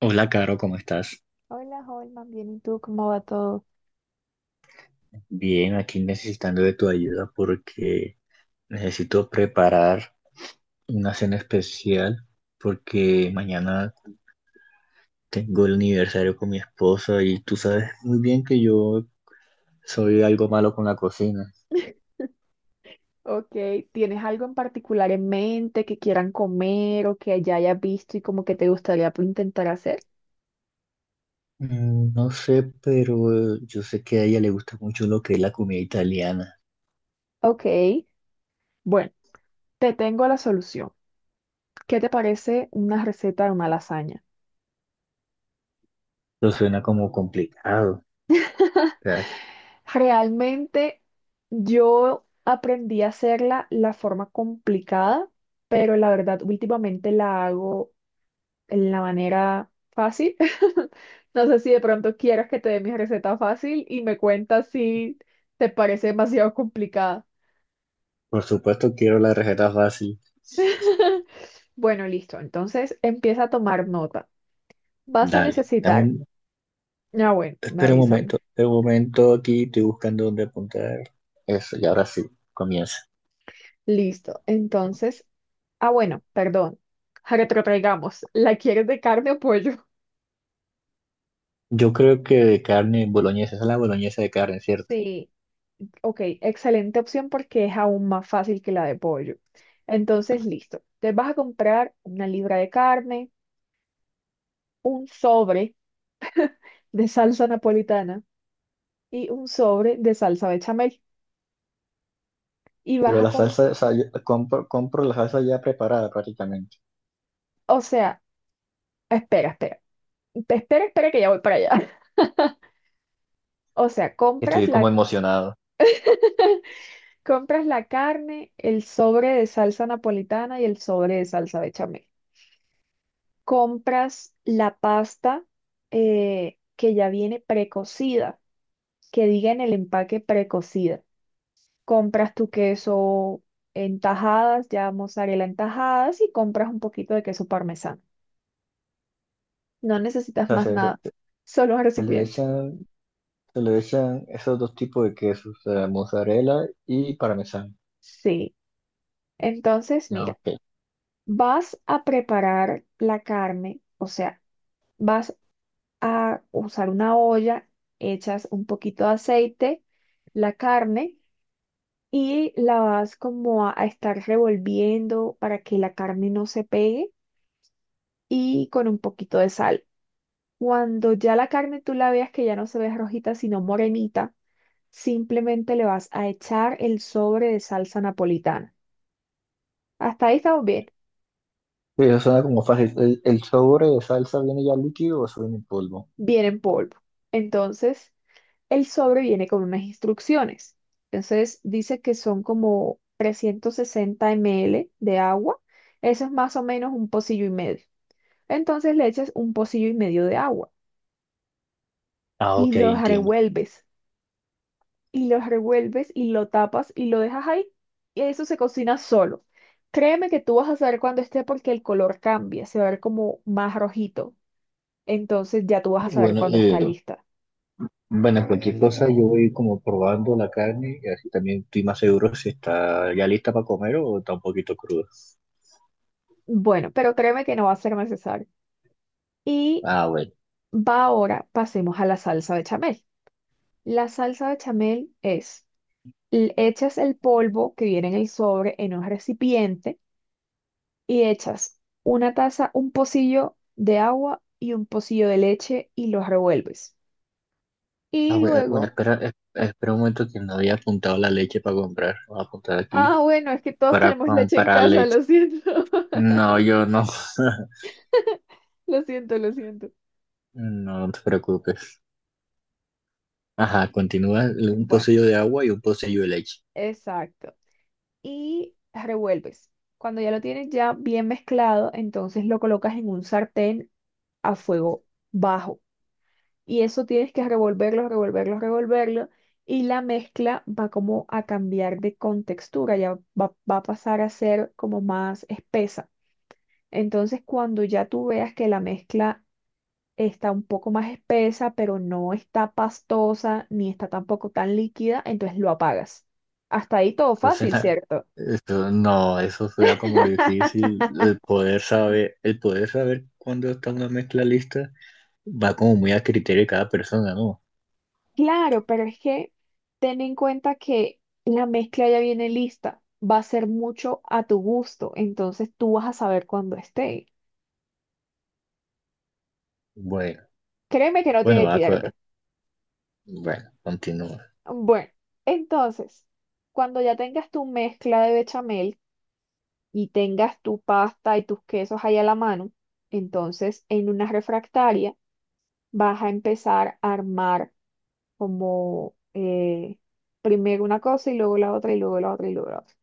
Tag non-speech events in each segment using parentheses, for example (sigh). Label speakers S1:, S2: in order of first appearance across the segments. S1: Hola, Caro, ¿cómo estás?
S2: Hola, Holman, bien, ¿y tú cómo va todo?
S1: Bien, aquí necesitando de tu ayuda porque necesito preparar una cena especial porque mañana tengo el aniversario con mi esposa y tú sabes muy bien que yo soy algo malo con la cocina.
S2: Ok, ¿tienes algo en particular en mente que quieran comer o que ya hayas visto y como que te gustaría pues, intentar hacer?
S1: Mm, no sé, pero yo sé que a ella le gusta mucho lo que es la comida italiana.
S2: Ok, bueno, te tengo la solución. ¿Qué te parece una receta de una lasaña?
S1: Lo suena como complicado. O sea,
S2: Realmente yo aprendí a hacerla la forma complicada, pero la verdad últimamente la hago en la manera fácil. (laughs) No sé si de pronto quieras que te dé mi receta fácil y me cuentas si te parece demasiado complicada.
S1: por supuesto quiero la receta fácil.
S2: (laughs) Bueno, listo. Entonces empieza a tomar nota. Vas a
S1: Dale,
S2: necesitar. Ah, bueno, me
S1: espera un momento,
S2: avísame.
S1: espera un momento aquí, estoy buscando dónde apuntar. Eso, y ahora sí, comienza.
S2: Listo. Entonces, bueno, perdón. Retrotraigamos. ¿La quieres de carne o pollo? (laughs)
S1: Yo creo que de carne boloñesa, esa es la boloñesa de carne, ¿cierto?
S2: Sí, ok, excelente opción porque es aún más fácil que la de pollo. Entonces, listo. Te vas a comprar una libra de carne, un sobre de salsa napolitana y un sobre de salsa bechamel. Y vas
S1: Pero
S2: a
S1: la
S2: comprar,
S1: salsa, o sea, compro la salsa ya preparada prácticamente.
S2: o sea, espera, espera, espera que ya voy para allá. (laughs) O sea, compras
S1: Estoy como
S2: la,
S1: emocionado. O
S2: (laughs) compras la carne, el sobre de salsa napolitana y el sobre de salsa bechamel. Compras la pasta que ya viene precocida, que diga en el empaque precocida. Compras tu queso en tajadas, ya mozzarella en tajadas y compras un poquito de queso parmesano. No necesitas
S1: sea,
S2: más nada, solo un
S1: se le
S2: recipiente.
S1: echan esos dos tipos de quesos, o sea, mozzarella y parmesano.
S2: Sí, entonces
S1: Ya,
S2: mira,
S1: ok.
S2: vas a preparar la carne, o sea, vas a usar una olla, echas un poquito de aceite, la carne y la vas como a estar revolviendo para que la carne no se pegue y con un poquito de sal. Cuando ya la carne tú la veas que ya no se ve rojita, sino morenita, simplemente le vas a echar el sobre de salsa napolitana. Hasta ahí estamos bien,
S1: Sí, eso suena como fácil. ¿El sobre de salsa viene ya líquido o eso viene en polvo?
S2: bien en polvo. Entonces, el sobre viene con unas instrucciones. Entonces, dice que son como 360 ml de agua. Eso es más o menos un pocillo y medio. Entonces, le echas un pocillo y medio de agua
S1: Ah,
S2: y
S1: ok,
S2: los
S1: entiendo.
S2: revuelves. Y los revuelves y lo tapas y lo dejas ahí y eso se cocina solo. Créeme que tú vas a saber cuando esté porque el color cambia, se va a ver como más rojito. Entonces ya tú vas a
S1: Y
S2: saber
S1: bueno,
S2: cuando está lista.
S1: bueno, cualquier cosa yo, bueno, voy como probando la carne y así también estoy más seguro si está ya lista para comer o está un poquito cruda.
S2: Bueno, pero créeme que no va a ser necesario. Y
S1: Ah, bueno.
S2: va ahora, pasemos a la salsa bechamel. La salsa bechamel es, echas el polvo que viene en el sobre en un recipiente y echas una taza, un pocillo de agua y un pocillo de leche y los revuelves.
S1: Ah,
S2: Y
S1: bueno, bueno,
S2: luego,
S1: espera, espera un momento que no había apuntado la leche para comprar. Voy a apuntar aquí
S2: ah, bueno, es que todos
S1: para
S2: tenemos leche en
S1: comprar
S2: casa,
S1: leche.
S2: lo siento. (laughs)
S1: No, yo no. (laughs)
S2: Lo siento, lo siento.
S1: No, no te preocupes. Ajá, continúa, un
S2: Bueno,
S1: pocillo de agua y un pocillo de leche.
S2: exacto. Y revuelves. Cuando ya lo tienes ya bien mezclado, entonces lo colocas en un sartén a fuego bajo. Y eso tienes que revolverlo, revolverlo, revolverlo. Y la mezcla va como a cambiar de contextura, ya va a pasar a ser como más espesa. Entonces, cuando ya tú veas que la mezcla está un poco más espesa, pero no está pastosa ni está tampoco tan líquida, entonces lo apagas. Hasta ahí todo
S1: Entonces, (laughs)
S2: fácil, ¿cierto?
S1: eso, no, eso suena como
S2: (laughs)
S1: difícil el poder saber, cuándo está una mezcla lista, va como muy a criterio de cada persona, ¿no?
S2: Claro, pero es que ten en cuenta que la mezcla ya viene lista, va a ser mucho a tu gusto, entonces tú vas a saber cuándo esté.
S1: Bueno,
S2: Créeme que no
S1: bueno,
S2: tiene
S1: va a
S2: pierde.
S1: cua- bueno, continúa.
S2: Bueno, entonces, cuando ya tengas tu mezcla de bechamel y tengas tu pasta y tus quesos ahí a la mano, entonces en una refractaria vas a empezar a armar como primero una cosa y luego la otra y luego la otra y luego la otra.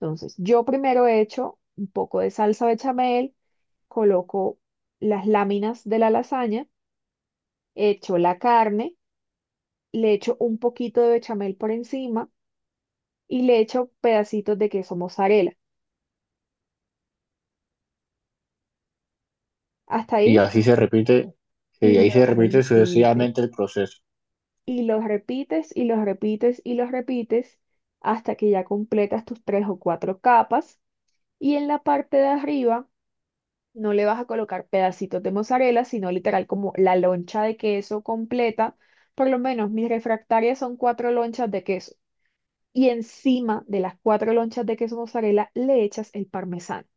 S2: Entonces, yo primero he hecho un poco de salsa bechamel, coloco las láminas de la lasaña, echo la carne, le echo un poquito de bechamel por encima y le echo pedacitos de queso mozzarella. Hasta
S1: Y
S2: ahí
S1: así se repite,
S2: y los repites.
S1: sucesivamente el proceso.
S2: Y los repites y los repites y los repites hasta que ya completas tus tres o cuatro capas. Y en la parte de arriba no le vas a colocar pedacitos de mozzarella, sino literal como la loncha de queso completa. Por lo menos mis refractarias son cuatro lonchas de queso. Y encima de las cuatro lonchas de queso mozzarella le echas el parmesano.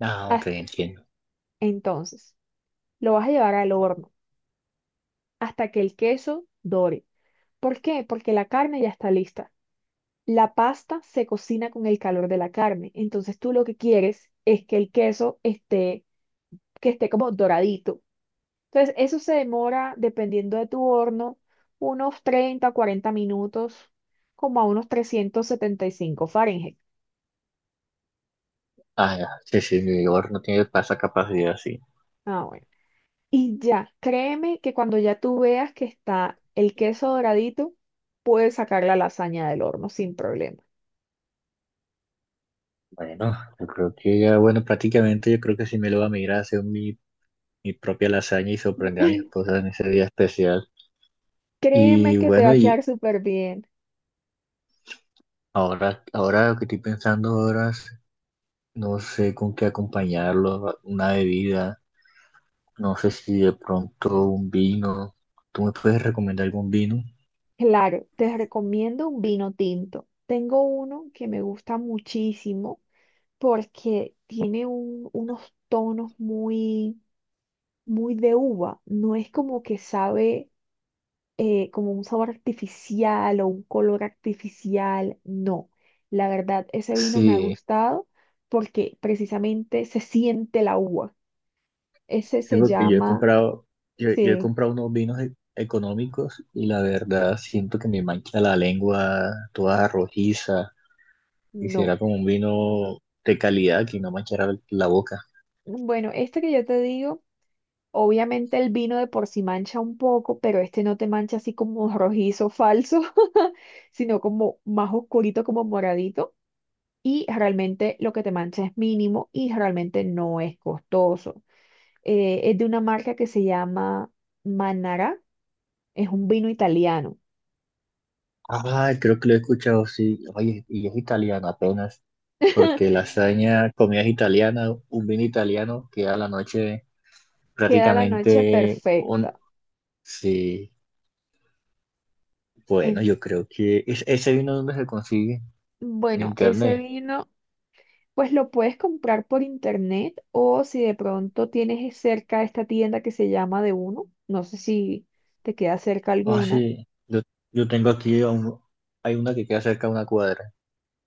S1: Ah, ok,
S2: Hasta
S1: entiendo.
S2: entonces, lo vas a llevar al horno hasta que el queso dore. ¿Por qué? Porque la carne ya está lista. La pasta se cocina con el calor de la carne. Entonces tú lo que quieres es que el queso esté, que esté como doradito. Entonces, eso se demora, dependiendo de tu horno, unos 30, 40 minutos, como a unos 375 Fahrenheit.
S1: Ah, ya, sí, sí, mi vigor no tiene esa capacidad, sí.
S2: Ah, bueno. Y ya, créeme que cuando ya tú veas que está el queso doradito, puedes sacar la lasaña del horno sin problema.
S1: Bueno, yo creo que ya, bueno, prácticamente yo creo que sí me lo va a migrar a hacer mi propia lasaña y sorprender a mi
S2: (laughs)
S1: esposa en ese día especial.
S2: Créeme
S1: Y
S2: que te va
S1: bueno,
S2: a quedar súper bien.
S1: ahora lo que estoy pensando ahora es, no sé con qué acompañarlo, una bebida. No sé si de pronto un vino. ¿Tú me puedes recomendar algún vino?
S2: Claro, te recomiendo un vino tinto. Tengo uno que me gusta muchísimo porque tiene unos tonos muy, muy de uva. No es como que sabe como un sabor artificial o un color artificial. No, la verdad, ese vino me ha
S1: Sí,
S2: gustado porque precisamente se siente la uva. Ese
S1: sí,
S2: se
S1: porque yo he
S2: llama,
S1: comprado, yo he
S2: sí,
S1: comprado unos vinos económicos y la verdad siento que me mancha la lengua toda rojiza.
S2: no.
S1: Quisiera como un vino de calidad que no manchara la boca.
S2: Bueno, este que yo te digo. Obviamente el vino de por sí mancha un poco, pero este no te mancha así como rojizo falso, (laughs) sino como más oscurito, como moradito. Y realmente lo que te mancha es mínimo y realmente no es costoso. Es de una marca que se llama Manara, es un vino italiano.
S1: Ah, creo que lo he escuchado, sí. Oye, y es italiano apenas, porque
S2: (laughs)
S1: lasaña, comida es italiana, un vino italiano queda a la noche
S2: Queda la noche
S1: prácticamente un...
S2: perfecta.
S1: Sí. Bueno,
S2: En-
S1: yo creo que ese vino donde se consigue, en
S2: bueno, ese
S1: internet.
S2: vino pues lo puedes comprar por internet o si de pronto tienes cerca esta tienda que se llama De Uno, no sé si te queda cerca
S1: Ah,
S2: alguna,
S1: sí. Yo tengo aquí a un- hay una que queda cerca de una cuadra.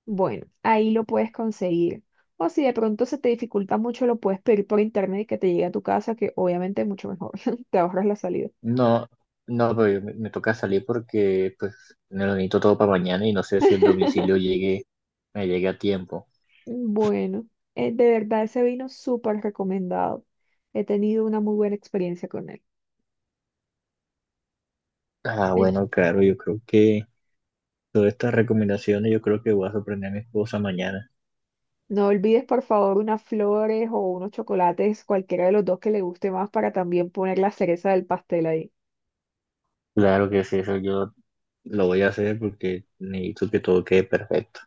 S2: bueno, ahí lo puedes conseguir. O si de pronto se te dificulta mucho, lo puedes pedir por internet y que te llegue a tu casa, que obviamente es mucho mejor, (laughs) te ahorras la salida.
S1: No, no, pero yo me toca salir porque pues me lo necesito todo para mañana y no sé si el domicilio
S2: (laughs)
S1: llegue, me llegue a tiempo.
S2: Bueno, de verdad ese vino súper recomendado. He tenido una muy buena experiencia con él.
S1: Ah, bueno, claro, yo creo que todas estas recomendaciones, yo creo que voy a sorprender a mi esposa mañana.
S2: No olvides, por favor, unas flores o unos chocolates, cualquiera de los dos que le guste más, para también poner la cereza del pastel ahí.
S1: Claro que sí, eso yo lo voy a hacer porque necesito que todo quede perfecto.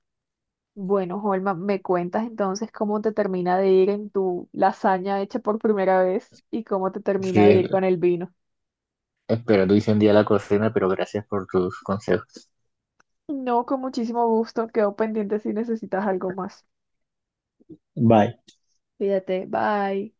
S2: Bueno, Holma, ¿me cuentas entonces cómo te termina de ir en tu lasaña hecha por primera vez y cómo te termina de
S1: Sí,
S2: ir con el vino?
S1: espero tu hice un día a la cocina, pero gracias por tus consejos.
S2: No, con muchísimo gusto. Quedo pendiente si necesitas algo más.
S1: Bye.
S2: Fíjate, bye.